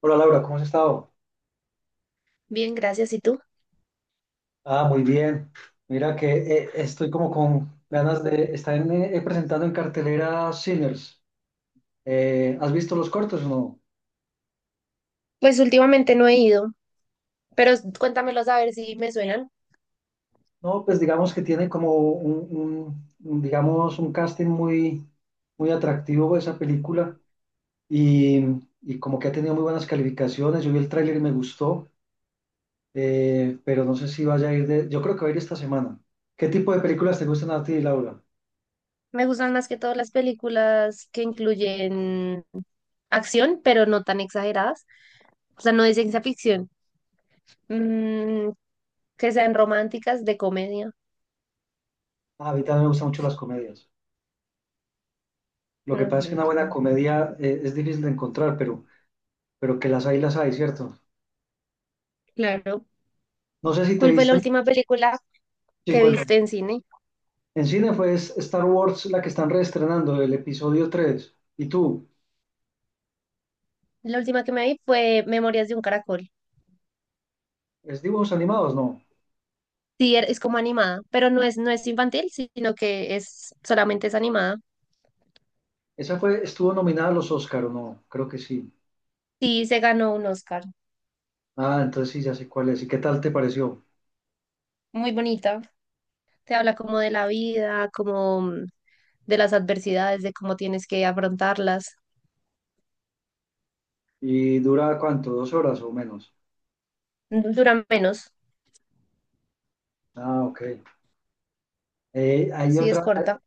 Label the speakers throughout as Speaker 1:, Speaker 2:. Speaker 1: Hola Laura, ¿cómo has estado?
Speaker 2: Bien, gracias. ¿Y tú?
Speaker 1: Ah, muy bien. Mira que estoy como con ganas de estar presentando en cartelera Sinners. ¿Has visto los cortos o no?
Speaker 2: Pues últimamente no he ido, pero cuéntamelos a ver si me suenan.
Speaker 1: No, pues digamos que tiene como digamos, un casting muy, muy atractivo esa película y, y como que ha tenido muy buenas calificaciones. Yo vi el tráiler y me gustó, pero no sé si vaya a ir. Yo creo que va a ir esta semana. ¿Qué tipo de películas te gustan a ti, Laura?
Speaker 2: Me gustan más que todas las películas que incluyen acción, pero no tan exageradas. O sea, no de ciencia ficción. Mm, que sean románticas, de comedia.
Speaker 1: Ah, a mí también me gustan mucho las comedias. Lo que pasa
Speaker 2: Ok,
Speaker 1: es que una buena comedia es difícil de encontrar, pero que las hay, ¿cierto?
Speaker 2: claro.
Speaker 1: No sé si te
Speaker 2: ¿Cuál fue la
Speaker 1: viste.
Speaker 2: última película
Speaker 1: Sí,
Speaker 2: que
Speaker 1: cuéntame.
Speaker 2: viste en cine?
Speaker 1: En cine fue Star Wars la que están reestrenando, el episodio 3. ¿Y tú?
Speaker 2: La última que me vi fue Memorias de un Caracol.
Speaker 1: ¿Es dibujos animados? No.
Speaker 2: Sí, es como animada, pero no es infantil, sino que es solamente es animada.
Speaker 1: Estuvo nominada a los Oscar, ¿o no? Creo que sí.
Speaker 2: Sí, se ganó un Oscar.
Speaker 1: Ah, entonces sí, ya sé cuál es. ¿Y qué tal te pareció?
Speaker 2: Muy bonita. Te habla como de la vida, como de las adversidades, de cómo tienes que afrontarlas.
Speaker 1: ¿Y dura cuánto? ¿2 horas o menos?
Speaker 2: Dura menos,
Speaker 1: Ah, ok. Hay
Speaker 2: sí es corta.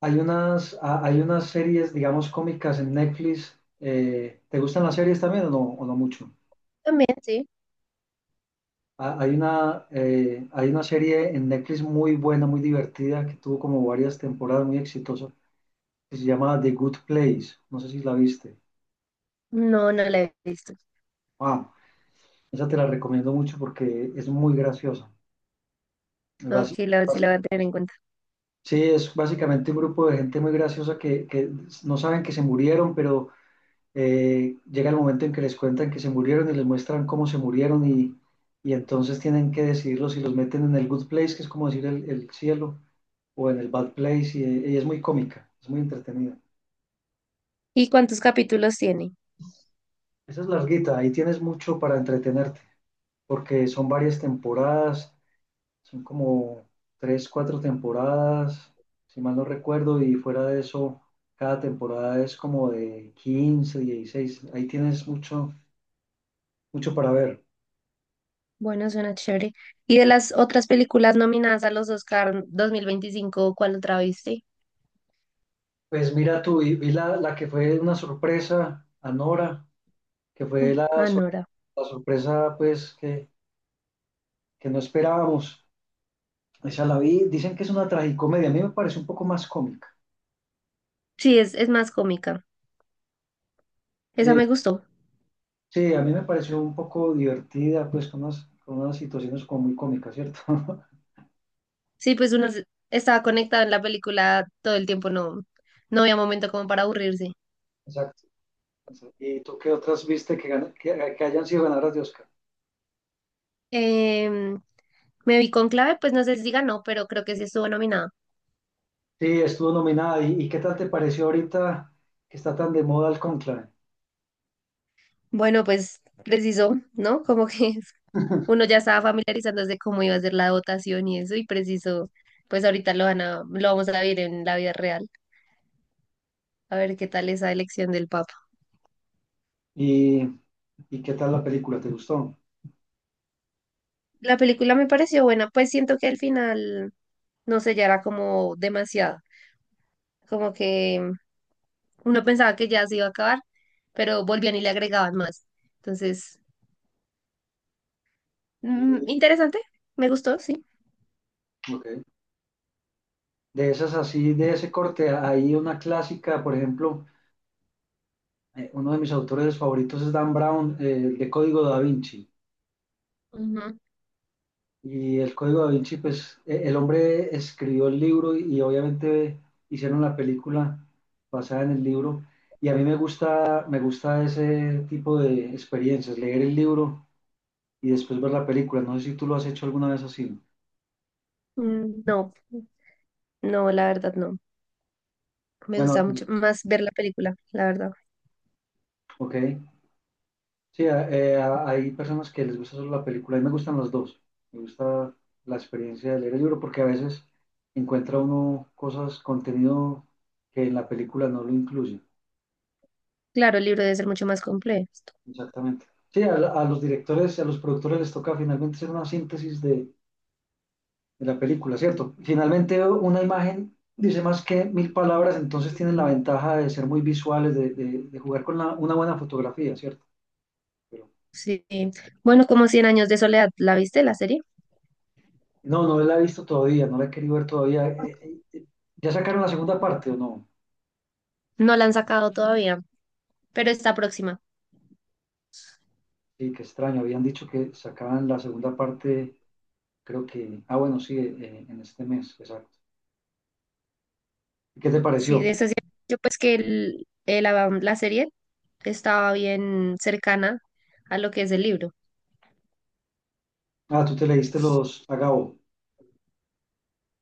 Speaker 1: hay unas series, digamos, cómicas en Netflix. ¿Te gustan las series también o no mucho?
Speaker 2: También, sí.
Speaker 1: Hay una serie en Netflix muy buena, muy divertida, que tuvo como varias temporadas muy exitosa, que se llama The Good Place. No sé si la viste.
Speaker 2: No, no la he visto.
Speaker 1: Wow, esa te la recomiendo mucho porque es muy graciosa.
Speaker 2: Ok,
Speaker 1: Bas-
Speaker 2: la, sí
Speaker 1: bas-
Speaker 2: la voy a tener en cuenta.
Speaker 1: Sí, es básicamente un grupo de gente muy graciosa que no saben que se murieron, pero llega el momento en que les cuentan que se murieron y les muestran cómo se murieron y entonces tienen que decidirlo si los meten en el Good Place, que es como decir el cielo o en el Bad Place y es muy cómica, es muy entretenida.
Speaker 2: ¿Y cuántos capítulos tiene?
Speaker 1: Esa es larguita, ahí tienes mucho para entretenerte, porque son varias temporadas, son como tres, cuatro temporadas, si mal no recuerdo, y fuera de eso, cada temporada es como de 15, 16, ahí tienes mucho, mucho para ver.
Speaker 2: Bueno, suena chévere. ¿Y de las otras películas nominadas a los Oscar 2025 cuál otra viste?
Speaker 1: Pues mira tú, y vi la que fue una sorpresa Anora, que fue
Speaker 2: Mm,
Speaker 1: la, sor-
Speaker 2: Anora.
Speaker 1: la sorpresa pues que no esperábamos. Esa la vi, dicen que es una tragicomedia, a mí me parece un poco más cómica.
Speaker 2: Sí, es más cómica. Esa
Speaker 1: Eh,
Speaker 2: me gustó.
Speaker 1: sí, a mí me pareció un poco divertida, pues con unas situaciones como muy cómicas, ¿cierto?
Speaker 2: Sí, pues estaba conectado en la película todo el tiempo, no, no había momento como para aburrirse.
Speaker 1: Exacto. ¿Y tú qué otras viste que hayan sido ganadoras de Oscar?
Speaker 2: Em, me vi con clave, pues no sé si ganó, pero creo que sí estuvo nominada.
Speaker 1: Sí, estuvo nominada. ¿Y, qué tal te pareció ahorita que está tan de moda el conclave?
Speaker 2: Bueno, pues precisó, ¿no? Como que uno ya estaba familiarizándose cómo iba a ser la votación y eso, y preciso, pues ahorita lo van a, lo vamos a ver en la vida real, a ver qué tal esa elección del Papa.
Speaker 1: ¿Y, qué tal la película? ¿Te gustó?
Speaker 2: La película me pareció buena, pues siento que al final, no sé, ya era como demasiado, como que uno pensaba que ya se iba a acabar, pero volvían y le agregaban más. Entonces, mm,
Speaker 1: Y-
Speaker 2: interesante, me gustó, sí.
Speaker 1: ok. De esas así, de ese corte, hay una clásica, por ejemplo. Uno de mis autores favoritos es Dan Brown, el de Código da Vinci.
Speaker 2: Ujú.
Speaker 1: Y el Código da Vinci, pues el hombre escribió el libro y obviamente hicieron la película basada en el libro. Y a mí me gusta ese tipo de experiencias, leer el libro y después ver la película. No sé si tú lo has hecho alguna vez así, ¿no?
Speaker 2: Mm, no, no, la verdad no. Me gusta
Speaker 1: Bueno,
Speaker 2: mucho más ver la película, la verdad.
Speaker 1: ok. Sí, hay personas que les gusta solo la película. A mí me gustan los dos. Me gusta la experiencia de leer el libro porque a veces encuentra uno cosas, contenido que en la película no lo incluye.
Speaker 2: Claro, el libro debe ser mucho más complejo.
Speaker 1: Exactamente. Sí, a los directores y a los productores les toca finalmente hacer una síntesis de la película, ¿cierto? Finalmente una imagen dice más que mil palabras, entonces tienen la ventaja de ser muy visuales, de jugar con una buena fotografía, ¿cierto? Pero
Speaker 2: Sí. Bueno, como cien años de soledad, ¿la viste la serie?
Speaker 1: No, no la he visto todavía, no la he querido ver todavía. ¿Ya sacaron la segunda parte o no?
Speaker 2: No la han sacado todavía, pero está próxima.
Speaker 1: Sí, qué extraño. Habían dicho que sacaban la segunda parte, creo que. Ah, bueno, sí, en este mes, exacto. ¿Y qué te
Speaker 2: Sí,
Speaker 1: pareció?
Speaker 2: de esa sí- yo pues que el- la, la serie estaba bien cercana a lo que es el libro.
Speaker 1: Ah, tú te leíste los Agao.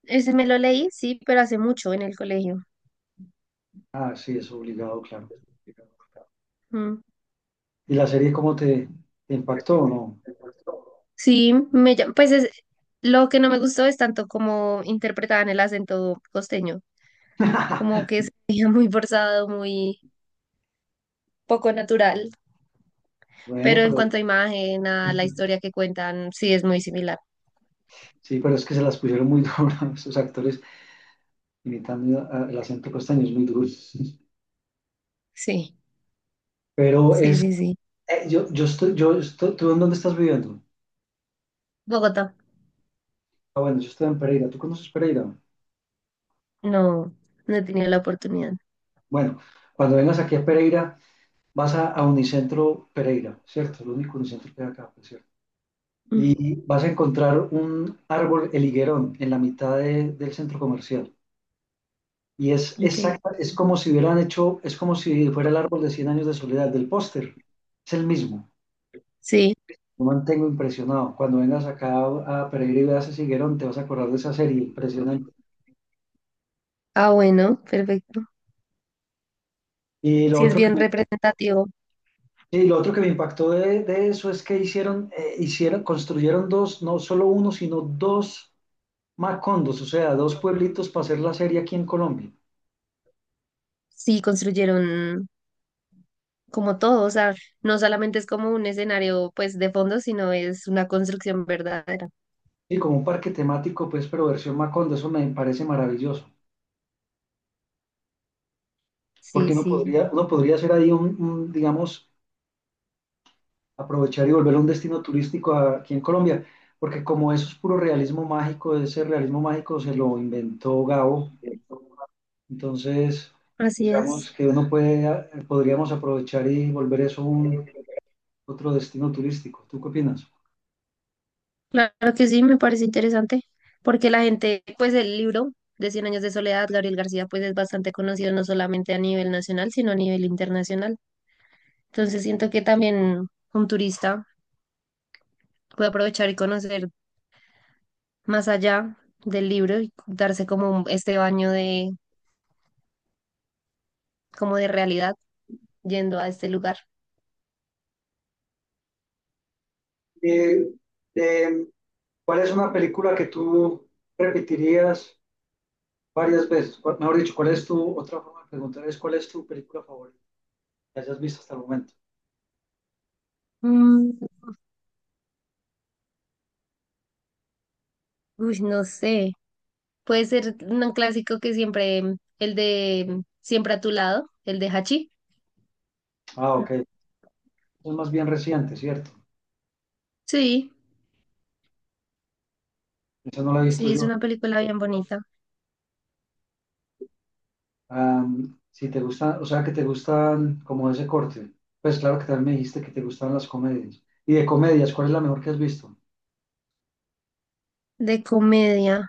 Speaker 2: Ese me lo leí, sí, pero hace mucho en el colegio.
Speaker 1: Ah, sí, es obligado, claro.
Speaker 2: Mm.
Speaker 1: ¿Y la serie cómo te impactó o no?
Speaker 2: Sí, me, llam- pues es- lo que no me gustó es tanto como interpretaban el acento costeño. Como que se veía muy forzado, muy poco natural,
Speaker 1: Bueno,
Speaker 2: pero en
Speaker 1: pero
Speaker 2: cuanto a imagen, a la historia que cuentan, sí es muy similar.
Speaker 1: sí, pero es que se las pusieron muy duras, esos actores imitando el acento costeño es muy duro.
Speaker 2: Sí,
Speaker 1: Pero
Speaker 2: sí,
Speaker 1: es,
Speaker 2: sí, sí.
Speaker 1: yo, ¿Tú en dónde estás viviendo?
Speaker 2: Bogotá,
Speaker 1: Ah, bueno, yo estoy en Pereira. ¿Tú conoces Pereira?
Speaker 2: no, no he tenido la oportunidad.
Speaker 1: Bueno, cuando vengas aquí a Pereira, vas a Unicentro Pereira, ¿cierto? El único Unicentro que hay acá, pues, ¿cierto?
Speaker 2: Ujú,
Speaker 1: Y vas a encontrar un árbol, el higuerón, en la mitad del centro comercial. Y es
Speaker 2: ok,
Speaker 1: exacta, es como si hubieran hecho, es como si fuera el árbol de Cien Años de Soledad del póster. Es el mismo.
Speaker 2: sí,
Speaker 1: Lo mantengo impresionado. Cuando vengas acá a Pereira y veas ese higuerón, te vas a acordar de esa serie, impresionante.
Speaker 2: ah, bueno, perfecto.
Speaker 1: Y lo
Speaker 2: Sí es
Speaker 1: otro que
Speaker 2: bien representativo,
Speaker 1: Sí, lo otro que me impactó de eso es que construyeron dos, no solo uno, sino dos Macondos, o sea, dos pueblitos para hacer la serie aquí en Colombia.
Speaker 2: sí construyeron como todo, o sea, no solamente es como un escenario pues de fondo, sino es una construcción verdadera.
Speaker 1: Y como un parque temático, pues, pero versión Macondo, eso me parece maravilloso,
Speaker 2: Sí,
Speaker 1: porque uno
Speaker 2: sí,
Speaker 1: podría, uno podría hacer ahí digamos, aprovechar y volver un destino turístico aquí en Colombia, porque como eso es puro realismo mágico, ese realismo mágico se lo inventó Gabo, entonces,
Speaker 2: así es.
Speaker 1: digamos que podríamos aprovechar y volver eso un otro destino turístico. ¿Tú qué opinas?
Speaker 2: Claro que sí, me parece interesante, porque la gente, pues el libro de Cien Años de Soledad, Gabriel García, pues es bastante conocido no solamente a nivel nacional, sino a nivel internacional. Entonces siento que también un turista puede aprovechar y conocer más allá del libro y darse como este baño de, como de realidad yendo a este lugar.
Speaker 1: Y, eh, ¿cuál es una película que tú repetirías varias veces? Mejor dicho, ¿cuál es otra forma de preguntar es cuál es tu película favorita que hayas visto hasta el momento?
Speaker 2: Mm, uy, no sé, puede ser un clásico que siempre, el de Siempre a tu Lado, el de Hachi.
Speaker 1: Ah, ok. Es más bien reciente, ¿cierto?
Speaker 2: Sí,
Speaker 1: Esa no la he visto
Speaker 2: sí, es
Speaker 1: yo.
Speaker 2: una película bien bonita.
Speaker 1: Si te gustan, o sea, que te gustan como ese corte. Pues claro que también me dijiste que te gustan las comedias. Y de comedias, ¿cuál es la mejor que has visto?
Speaker 2: De comedia.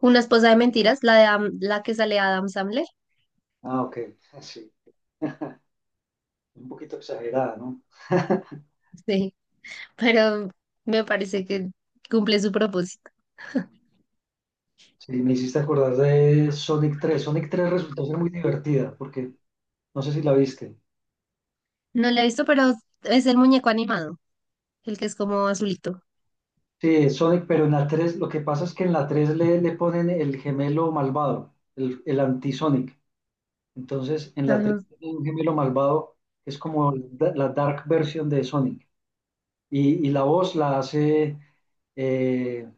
Speaker 2: Una esposa de mentiras, la de la que sale Adam Sandler.
Speaker 1: Ah, ok. Sí, un poquito exagerada, ¿no?
Speaker 2: Sí, pero me parece que cumple su propósito.
Speaker 1: Sí, me hiciste acordar de Sonic 3. Sonic 3 resultó ser muy divertida porque no sé si la viste.
Speaker 2: No la he visto, pero es el muñeco animado, el que es como azulito.
Speaker 1: Sí, es Sonic, pero en la 3 lo que pasa es que en la 3 le ponen el gemelo malvado, el anti-Sonic. Entonces, en la 3
Speaker 2: Ajá.
Speaker 1: tiene un gemelo malvado que es como la dark version de Sonic. Y la voz la hace eh,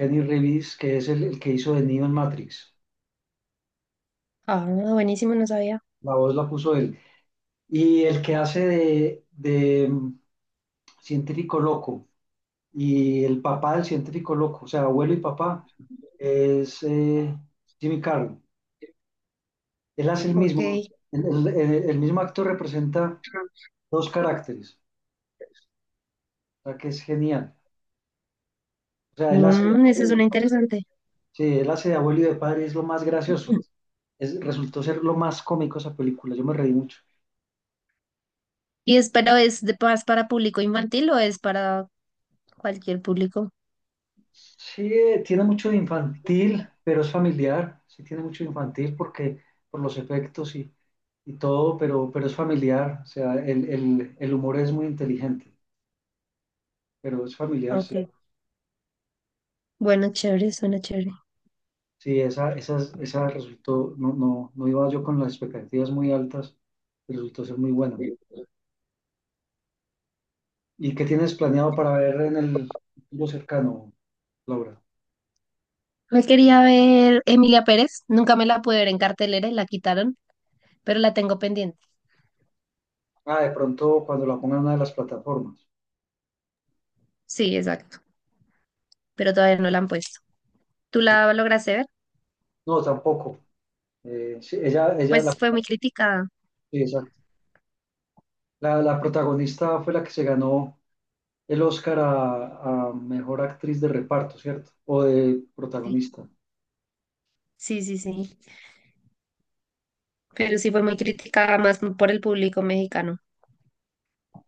Speaker 1: Kenny Reeves, que es el que hizo de Neo en Matrix.
Speaker 2: Ah, buenísimo, no sabía.
Speaker 1: La voz la puso él. Y el que hace de científico loco. Y el papá del científico loco, o sea, abuelo y papá, es Jimmy Carroll. Él hace el
Speaker 2: Ok.
Speaker 1: mismo, el mismo actor representa dos caracteres, o sea, que es genial. O sea, él hace de
Speaker 2: Mm, esa
Speaker 1: abuelo
Speaker 2: es
Speaker 1: y
Speaker 2: una
Speaker 1: de papá.
Speaker 2: interesante.
Speaker 1: Sí, él hace de abuelo y de padre, y es lo más gracioso. Resultó ser lo más cómico esa película, yo me reí mucho.
Speaker 2: ¿Y es, pero es de paz para público infantil o es para cualquier público?
Speaker 1: Sí, tiene mucho de infantil, pero es familiar. Sí, tiene mucho de infantil porque por los efectos y todo, pero, es familiar. O sea, el humor es muy inteligente, pero es familiar, sí.
Speaker 2: Ok. Bueno, chévere, suena chévere.
Speaker 1: Sí, esa resultó, no, no, no iba yo con las expectativas muy altas, pero resultó ser muy buena. ¿Y qué tienes planeado para ver en el futuro cercano, Laura?
Speaker 2: Me quería ver Emilia Pérez, nunca me la pude ver en cartelera y la quitaron, pero la tengo pendiente.
Speaker 1: Ah, de pronto cuando la pongan en una de las plataformas.
Speaker 2: Sí, exacto, pero todavía no la han puesto. ¿Tú
Speaker 1: Ok.
Speaker 2: la lograste ver?
Speaker 1: No, tampoco. Sí, ella
Speaker 2: Pues
Speaker 1: la,
Speaker 2: fue muy criticada.
Speaker 1: sí, esa- La protagonista fue la que se ganó el Oscar a mejor actriz de reparto, ¿cierto? O de
Speaker 2: Sí,
Speaker 1: protagonista.
Speaker 2: sí, sí, sí. Pero sí fue muy criticada más por el público mexicano.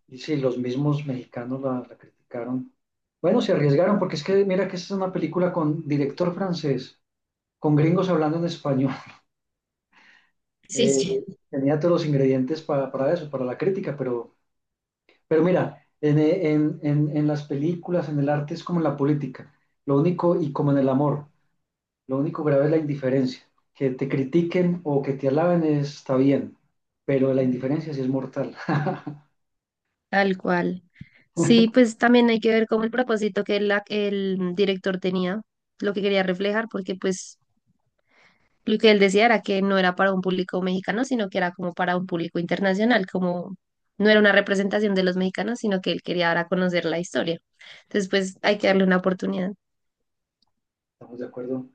Speaker 1: Y sí, los mismos mexicanos la criticaron. Bueno, se arriesgaron porque es que mira que esta es una película con director francés, con gringos hablando en español.
Speaker 2: Sí,
Speaker 1: Eh,
Speaker 2: sí,
Speaker 1: Tenía todos los ingredientes para eso, para la crítica, pero, mira, en las películas, en el arte es como en la política, lo único y como en el amor. Lo único grave es la indiferencia. Que te critiquen o que te alaben está bien, pero la indiferencia sí es mortal.
Speaker 2: tal cual. Sí, pues también hay que ver cómo el propósito que el director tenía, lo que quería reflejar, porque pues lo que él decía era que no era para un público mexicano, sino que era como para un público internacional, como no era una representación de los mexicanos, sino que él quería dar a conocer la historia. Entonces, pues hay que darle una oportunidad.
Speaker 1: Estamos de acuerdo.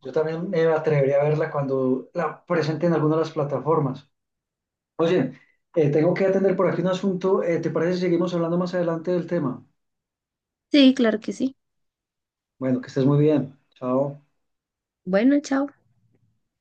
Speaker 1: Yo también me atrevería a verla cuando la presenten en alguna de las plataformas. Oye, tengo que atender por aquí un asunto. ¿Te parece si seguimos hablando más adelante del tema?
Speaker 2: Sí, claro que sí.
Speaker 1: Bueno, que estés muy bien. Chao.
Speaker 2: Bueno, chao.